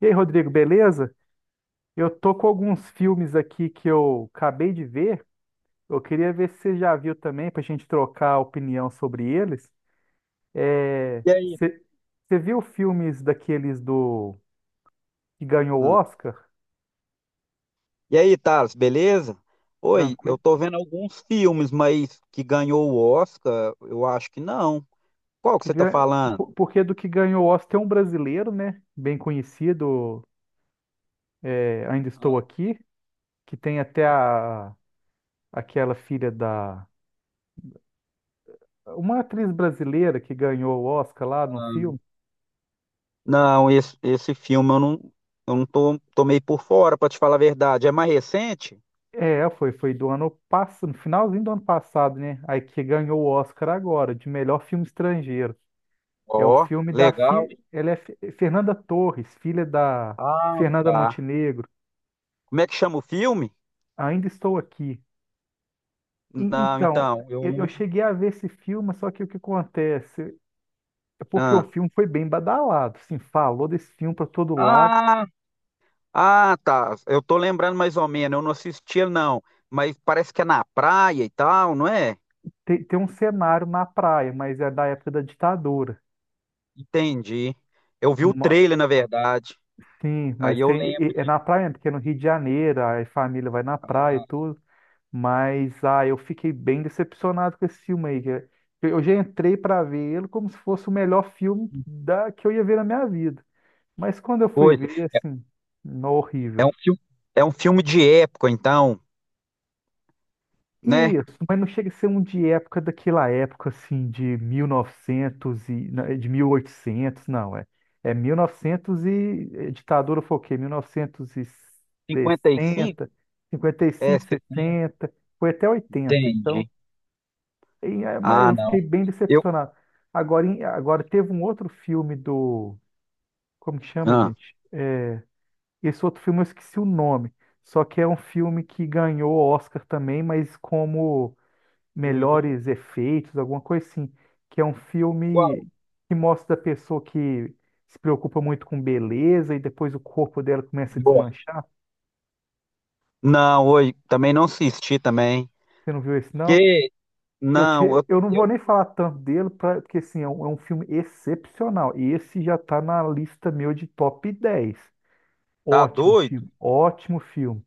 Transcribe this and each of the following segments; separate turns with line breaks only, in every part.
E aí, Rodrigo, beleza? Eu tô com alguns filmes aqui que eu acabei de ver. Eu queria ver se você já viu também, pra gente trocar opinião sobre eles. É,
E aí?
você viu filmes daqueles do que ganhou o
Hum.
Oscar?
E aí, Thales, beleza? Oi, eu
Tranquilo.
tô vendo alguns filmes, mas que ganhou o Oscar, eu acho que não. Qual que
Que
você tá
gan-
falando?
Porque do que ganhou o Oscar tem um brasileiro, né? Bem conhecido, é, Ainda Estou Aqui, que tem até a aquela filha da. Uma atriz brasileira que ganhou o Oscar lá no filme.
Ah, não, esse filme eu não tô meio por fora, pra te falar a verdade. É mais recente?
É, foi do ano passado, no finalzinho do ano passado, né? Aí que ganhou o Oscar agora, de melhor filme estrangeiro. É o
Ó,
filme da
legal.
ela é Fernanda Torres, filha da
Ah,
Fernanda
tá.
Montenegro.
Como é que chama o filme?
Ainda estou aqui. E-
Não,
então,
então, eu
eu
não.
cheguei a ver esse filme, só que o que acontece? É porque o
Ah,
filme foi bem badalado, assim, falou desse filme para todo lado.
ah, ah, tá. Eu tô lembrando mais ou menos, eu não assisti, não. Mas parece que é na praia e tal, não é?
Tem um cenário na praia, mas é da época da ditadura.
Entendi. Eu vi o trailer, na verdade.
Sim,
Aí
mas
eu lembro
é
de
na praia, né, porque é no Rio de Janeiro, aí a família vai na praia e tudo. Mas eu fiquei bem decepcionado com esse filme aí, eu já entrei para ver ele como se fosse o melhor filme da, que eu ia ver na minha vida. Mas quando eu fui
coisa.
ver, assim, no
É
horrível.
um filme, é um filme de época, então, né?
Isso, mas não chega a ser um de época daquela época assim de 1900 e novecentos de 1800 não, é. É 1900 e novecentos e ditadura foi o quê? mil novecentos e
Cinquenta e cinco.
sessenta cinquenta e
É,
cinco,
60.
sessenta, foi até oitenta. Então,
Entendi.
e, mas
Ah,
eu
não.
fiquei bem
Eu.
decepcionado. Agora, agora teve um outro filme do, como que chama,
Ah.
gente? Esse outro filme eu esqueci o nome. Só que é um filme que ganhou Oscar também, mas como
Uhum.
melhores efeitos, alguma coisa assim, que é um
Qual?
filme que mostra a pessoa que se preocupa muito com beleza e depois o corpo dela começa a
Boa.
desmanchar.
Não, hoje também não assisti também.
Você não viu esse, não?
Que
Eu,
não,
te- eu não vou
eu-
nem falar tanto dele, porque assim, é um, filme excepcional. E esse já está na lista meu de top 10.
tá
Ótimo
doido?
filme, ótimo filme.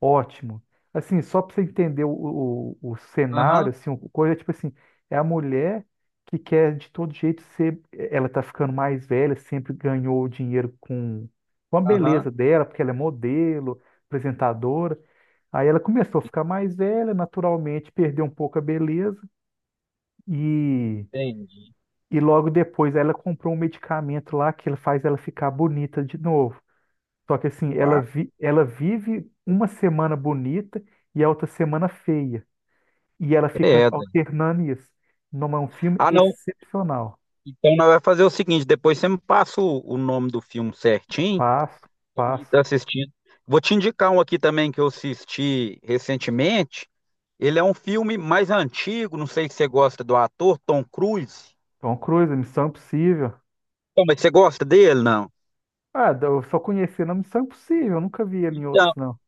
Ótimo. Assim, só para você entender o cenário,
Aham,
assim, o coisa é tipo assim, é a mulher que quer de todo jeito ser, ela tá ficando mais velha, sempre ganhou o dinheiro com, a
aham,
beleza dela, porque ela é modelo, apresentadora. Aí ela começou a ficar mais velha, naturalmente perdeu um pouco a beleza e,
entendi.
e logo depois ela comprou um medicamento lá que ele faz ela ficar bonita de novo. Só que assim, ela,
Uau.
vi- ela vive uma semana bonita e a outra semana feia. E ela fica
Credo.
alternando isso. Não é um filme
Ah, não.
excepcional.
Então nós vamos fazer o seguinte, depois você me passa o nome do filme certinho.
Passo,
E
passo.
tá assistindo. Vou te indicar um aqui também que eu assisti recentemente. Ele é um filme mais antigo, não sei se você gosta do ator Tom Cruise.
Tom Cruise, Missão Impossível.
Então, mas você gosta dele, não?
Ah, eu só conheci na Missão Impossível, eu nunca vi ele em
Então,
outros, não.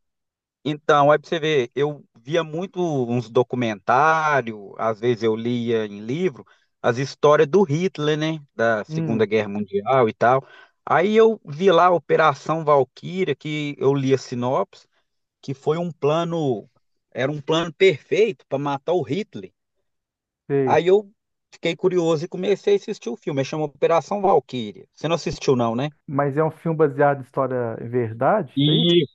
então, aí pra você ver, eu via muito uns documentários, às vezes eu lia em livro, as histórias do Hitler, né? Da Segunda
Hum,
Guerra Mundial e tal. Aí eu vi lá a Operação Valquíria, que eu li a sinopse, que foi um plano, era um plano perfeito para matar o Hitler.
sei.
Aí eu fiquei curioso e comecei a assistir o filme. Ele chama Operação Valkyria. Você não assistiu, não, né?
Mas é um filme baseado em história em verdade, isso aí?
E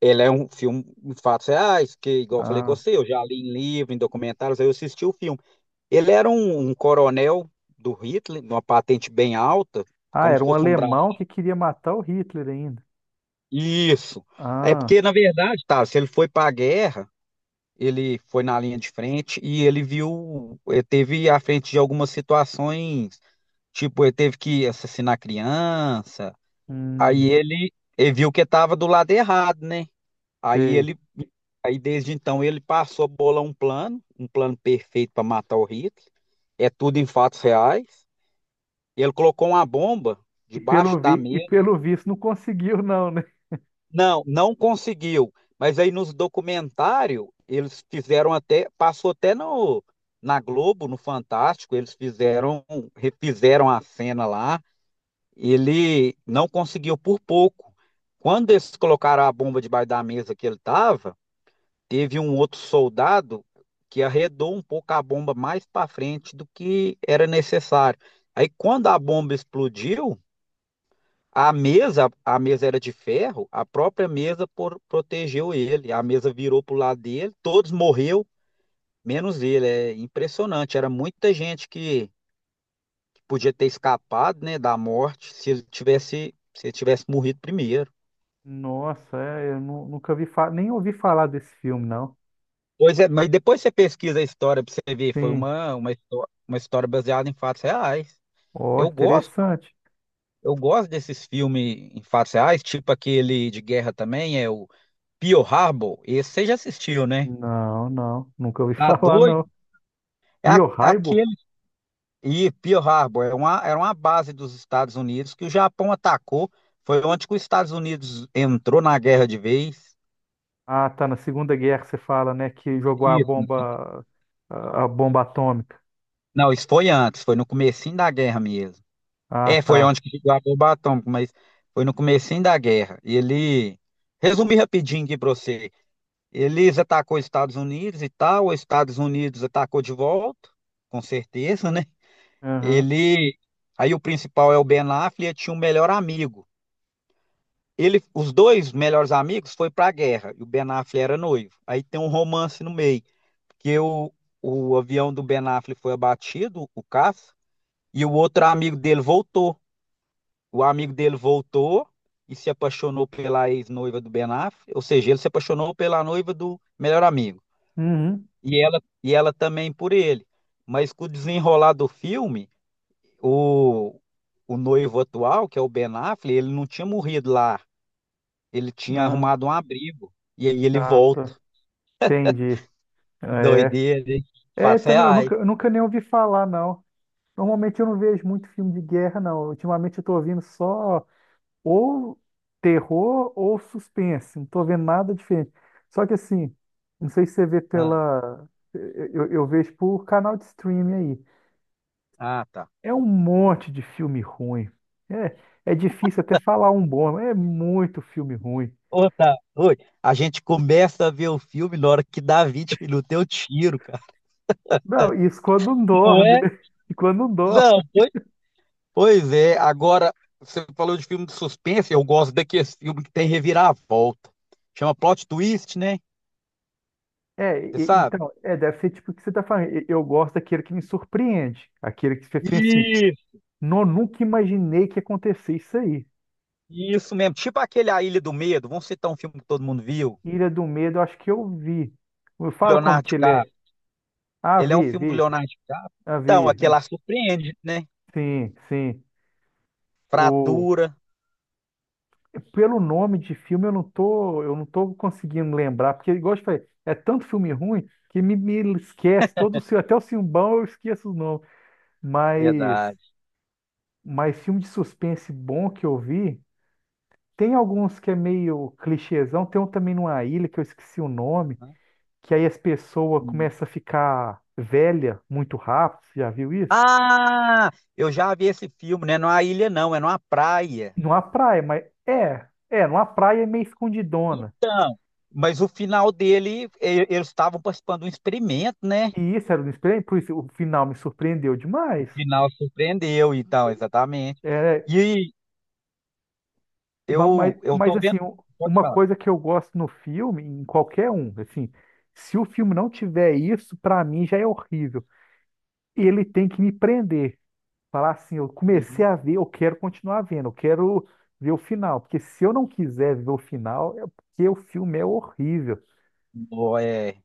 ele é um filme de fatos reais, que, igual eu falei com
Ah.
você, eu já li em livro, em documentários, aí eu assisti o filme. Ele era um coronel do Hitler, uma patente bem alta,
Ah,
como
era
se
um
fosse um braço.
alemão que queria matar o Hitler ainda.
Isso. É
Ah,
porque, na verdade, tá, se ele foi para a guerra. Ele foi na linha de frente e ele viu, ele teve à frente de algumas situações, tipo, ele teve que assassinar criança,
hum,
aí ele viu que estava do lado errado, né? Aí
sei.
ele, aí desde então ele passou a bolar um plano perfeito para matar o Hitler, é tudo em fatos reais. Ele colocou uma bomba
E
debaixo da mesa.
pelo visto não conseguiu, não, né?
Não, não conseguiu. Mas aí nos documentários, eles fizeram até, passou até no, na Globo, no Fantástico, eles fizeram, refizeram a cena lá. Ele não conseguiu por pouco. Quando eles colocaram a bomba debaixo da mesa que ele estava, teve um outro soldado que arredou um pouco a bomba mais para frente do que era necessário. Aí quando a bomba explodiu, a mesa era de ferro, a própria mesa por- protegeu ele. A mesa virou pro lado dele, todos morreu, menos ele. É impressionante. Era muita gente que podia ter escapado, né, da morte se ele tivesse morrido primeiro.
Nossa, é, eu nunca nem ouvi falar desse filme, não.
Pois é, mas depois você pesquisa a história para você ver, foi
Sim.
uma história baseada em fatos reais.
Ó,
Eu gosto,
interessante.
eu gosto desses filmes em fatos reais, tipo aquele de guerra também, é o Pearl Harbor. Esse você já assistiu, né?
Não, não, nunca ouvi
Tá
falar,
doido?
não.
É a-
Pearl
aquele.
Harbor?
E Pearl Harbor era uma base dos Estados Unidos que o Japão atacou. Foi onde que os Estados Unidos entrou na guerra de vez.
Ah, tá, na Segunda Guerra você fala, né, que jogou a
Isso.
bomba, a, bomba atômica.
Não, isso foi antes, foi no comecinho da guerra mesmo.
Ah,
É, foi
tá.
onde que chegou a bomba atômica, mas foi no comecinho da guerra. E ele. Resumir rapidinho aqui pra você. Eles atacou os Estados Unidos e tal, os Estados Unidos atacou de volta, com certeza, né?
Aham.
Ele. Aí o principal é o Ben Affleck, tinha um melhor amigo. Ele, os dois melhores amigos foi para a guerra e o Ben Affleck era noivo. Aí tem um romance no meio, que o avião do Ben Affleck foi abatido, o caça, e o outro amigo dele voltou. O amigo dele voltou e se apaixonou pela ex-noiva do Ben Affleck, ou seja, ele se apaixonou pela noiva do melhor amigo.
Uhum.
E ela também por ele. Mas com o desenrolar do filme, o, o noivo atual, que é o Ben Affleck, ele não tinha morrido lá. Ele tinha
Ah,
arrumado um abrigo. E aí ele
ah,
volta.
tá. Entendi. É.
Doideira, hein?
É,
Fato
também, eu
reais.
nunca, eu nunca nem ouvi falar, não. Normalmente eu não vejo muito filme de guerra, não. Ultimamente eu tô ouvindo só ou terror ou suspense. Não tô vendo nada diferente. Só que assim, não sei se você vê
Ah,
pela. Eu vejo por canal de streaming aí.
ah, tá.
É um monte de filme ruim. É, é difícil até falar um bom, mas é muito filme ruim.
Ô, tá. Oi. A gente começa a ver o filme na hora que dá 20 minutos, eu tiro, cara.
Não, isso quando não
Não
dorme,
é?
né? E quando não
Não,
dorme.
pois, pois é. Agora, você falou de filme de suspense, eu gosto daqueles filmes que tem reviravolta. Chama plot twist, né?
É,
Você sabe?
então, é, deve ser tipo o que você tá falando. Eu gosto daquele que me surpreende. Aquele que você pensa assim,
Isso,
não, nunca imaginei que ia acontecer isso aí.
isso mesmo. Tipo aquele A Ilha do Medo. Vamos citar um filme que todo mundo viu.
Ilha do Medo, eu acho que eu vi. Fala como
Leonardo
que ele é.
DiCaprio.
Ah,
Ele é um
vi,
filme do
vi.
Leonardo DiCaprio.
Ah,
Então,
vi.
aquele
Ah,
lá surpreende, né?
sim, sim. O...
Fratura.
Pelo nome de filme eu não tô, conseguindo lembrar, porque igual eu te falei, é tanto filme ruim que me esquece todo o filme, até o filme bom eu esqueço os nomes. Mas,
Verdade.
mas filme de suspense bom que eu vi, tem alguns que é meio clichêzão, tem um também numa ilha que eu esqueci o nome,
Uhum.
que aí as pessoas
Hum.
começam a ficar velha muito rápido, você já viu isso?
Ah, eu já vi esse filme, né? Não é uma ilha, não, é numa praia.
Numa praia, mas numa praia é meio escondidona.
Então, mas o final dele, e- eles estavam participando de um experimento, né?
E isso era um espelho, por isso o final me surpreendeu
O
demais.
final surpreendeu, então, exatamente.
É,
E
ma- mas,
eu
mas
tô vendo.
assim,
Pode
uma
falar.
coisa que eu gosto no filme, em qualquer um, assim, se o filme não tiver isso, pra mim já é horrível. Ele tem que me prender. Falar assim, eu comecei
Uhum.
a ver, eu quero continuar vendo, eu quero ver o final. Porque se eu não quiser ver o final, é porque o filme é horrível.
Ó, é.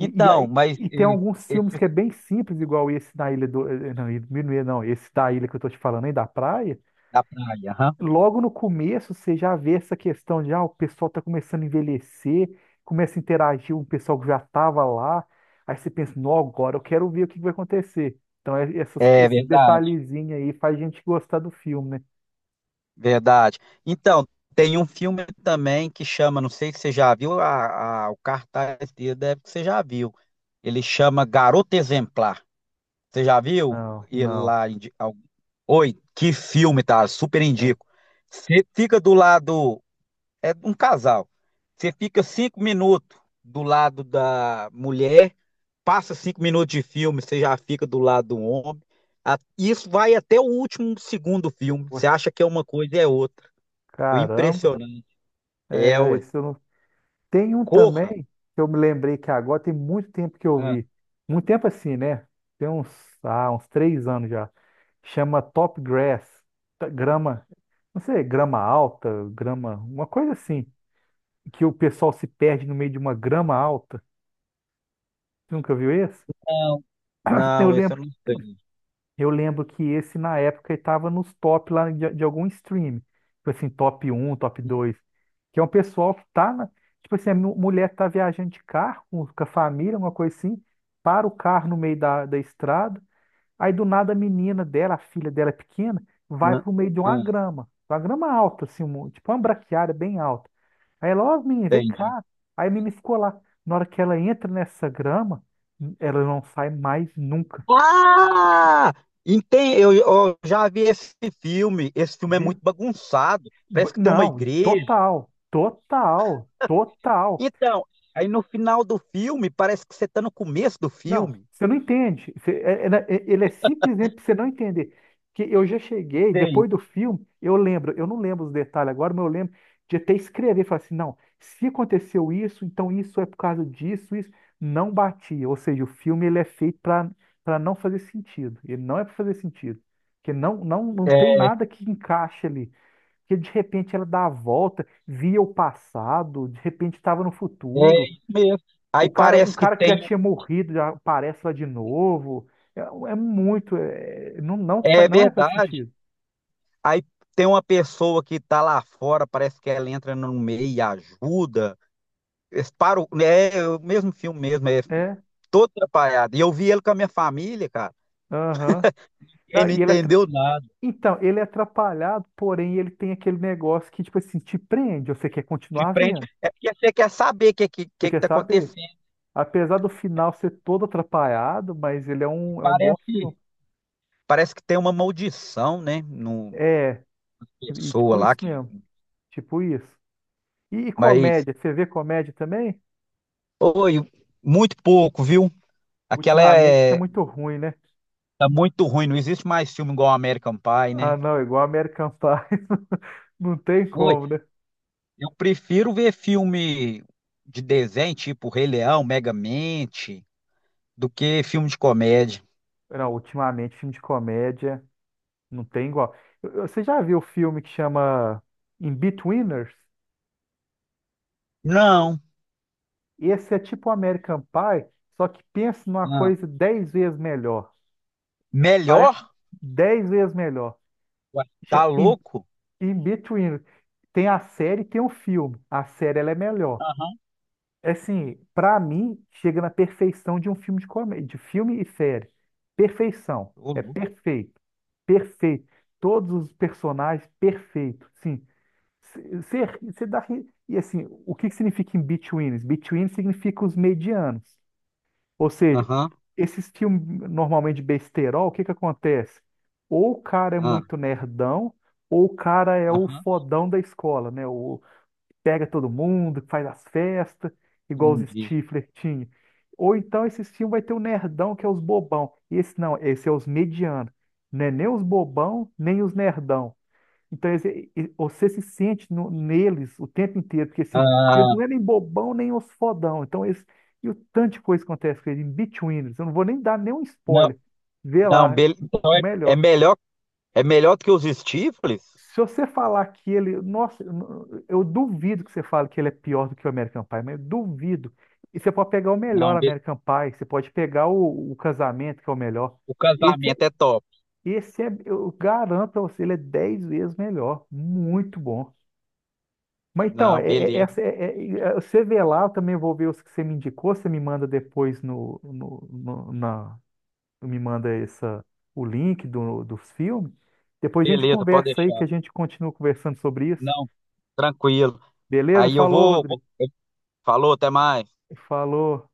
E, e, aí-
mas
e tem
e-
alguns filmes
esse
que é bem simples, igual esse da Ilha do. Não, Ilha do Minuê, não, esse da ilha que eu tô te falando aí, da praia.
da praia, aham.
Logo no começo você já vê essa questão de o pessoal tá começando a envelhecer, começa a interagir com o pessoal que já tava lá. Aí você pensa, não, agora eu quero ver o que que vai acontecer. Então,
É
esses
verdade.
detalhezinhos aí faz a gente gostar do filme, né?
Verdade. Então, tem um filme também que chama, não sei se você já viu, a- o cartaz dele deve que você já viu. Ele chama Garota Exemplar. Você já viu?
Não,
Ele
não.
lá em di- al- oi, que filme, tá? Super
É.
indico. Você fica do lado. É um casal. Você fica cinco minutos do lado da mulher, passa cinco minutos de filme, você já fica do lado do homem. A- Isso vai até o último segundo do filme.
Ué,
Você acha que é uma coisa e é outra. O
caramba,
impressionante é,
é,
ué.
isso eu não. Tem um
Corra?
também, que eu me lembrei que agora tem muito tempo que eu
Ah,
vi. Muito tempo assim, né? Tem uns 3 anos já. Chama Top Grass. Grama, não sei, grama alta, grama, uma coisa assim. Que o pessoal se perde no meio de uma grama alta. Você nunca viu esse?
não.
Eu
Não, esse eu
lembro
não sei.
Eu lembro que esse, na época, estava nos top lá de algum stream. Tipo assim, top um, top dois. Que é um pessoal que tá na. Tipo assim, a mulher tá viajando de carro com a família, uma coisa assim, para o carro no meio da estrada. Aí do nada a menina dela, a filha dela é pequena, vai
Não,
pro meio de
ah,
uma grama. Uma grama alta, assim, tipo uma braquiária bem alta. Aí ela, ó, menina, vem
entendi.
cá. Aí a menina ficou lá. Na hora que ela entra nessa grama, ela não sai mais nunca.
Ah! Entendi. Eu já vi esse filme. Esse filme é muito
Viu?
bagunçado. Parece que tem uma
Não,
igreja.
total, total, total.
Então, aí no final do filme, parece que você tá no começo do
Não,
filme.
você não entende. Né, ele é simplesmente pra você não entender. Que eu já cheguei,
Tem.
depois do filme, eu lembro, eu não lembro os detalhes agora, mas eu lembro de até escrever, falar assim, não, se aconteceu isso, então isso é por causa disso, isso não batia. Ou seja, o filme ele é feito para não fazer sentido. Ele não é para fazer sentido. Porque não, não, não tem
É
nada que encaixe ali. Que de repente ela dá a volta, via o passado, de repente estava no
é
futuro.
isso mesmo.
O
Aí
cara, um
parece que
cara que
tem.
já tinha morrido já aparece lá de novo. É muito, não, não,
É
não é faz
verdade.
sentido.
Aí tem uma pessoa que tá lá fora, parece que ela entra no meio e ajuda. Eles param, é o mesmo filme mesmo, é
É,
todo atrapalhado. E eu vi ele com a minha família, cara.
aham.
Ele
Não,
não entendeu nada.
Então, ele é atrapalhado, porém ele tem aquele negócio que, tipo assim, te prende, você quer
De
continuar
frente,
vendo,
é porque você quer saber o que, que,
você
que que
quer
tá
saber.
acontecendo.
Apesar do final ser todo atrapalhado, mas ele é
E
um, é um bom
Parece,
filme.
parece que tem uma maldição, né? No
É, e
pessoa
tipo
lá
isso
que,
mesmo, tipo isso. E
mas
comédia, você vê comédia também?
oi, muito pouco, viu? Aquela
Ultimamente tá
é
muito ruim, né?
tá muito ruim, não existe mais filme igual American Pie,
Ah,
né?
não, igual American Pie. Não tem
Oi,
como, né?
eu prefiro ver filme de desenho, tipo Rei Leão, Megamente, do que filme de comédia.
Não, ultimamente filme de comédia não tem igual. Você já viu o filme que chama In Betweeners?
Não,
Esse é tipo American Pie, só que pensa numa
não.
coisa 10 vezes melhor. Parece
Melhor?
10 vezes melhor.
Ué,
Cha-
tá
In,
louco?
In Betweeners. Tem a série e tem o filme. A série ela é melhor.
Aham.
É assim, pra mim, chega na perfeição de um filme de comédia, de filme e série. Perfeição.
Ô,
É
louco.
perfeito. Perfeito. Todos os personagens, perfeito. Sim. Você dá. E assim, o que que significa in betweens? Between significa os medianos. Ou seja,
Aham,
esses filmes normalmente de besterol, o que que acontece? Ou o cara é
ah,
muito nerdão, ou o cara é o
aham,
fodão da escola, né? Pega todo mundo, faz as festas, igual os
entendi.
Stifler tinha. Ou então esse filme vai ter o nerdão, que é os bobão. E esse não, esse é os medianos. Não é nem os bobão, nem os nerdão. Então você se sente neles o tempo inteiro, porque assim, eles não
Ah,
é nem bobão, nem os fodão. Então eles, e o tanto de coisa que acontece com eles, em between, eles. Eu não vou nem dar nenhum
não,
spoiler. Vê
não,
lá, o
então é,
melhor.
é melhor do que os Stifles?
Se você falar que ele. Nossa, eu não- eu duvido que você fale que ele é pior do que o American Pie, mas eu duvido. E você pode pegar o melhor
Não,
American Pie, você pode pegar o, Casamento, que é o melhor.
o
Esse, é-
casamento é top.
esse é, eu garanto pra você, ele é 10 vezes melhor. Muito bom. Mas então,
Não,
é, é-
beleza,
essa é- é- é- você vê lá, eu também vou ver os que você me indicou, você me manda depois no, me manda essa, o link dos filmes. Depois a gente
beleza, pode
conversa aí,
deixar.
que a gente continua conversando sobre isso.
Não, tranquilo.
Beleza?
Aí eu
Falou, Rodrigo.
falou, até mais.
Falou.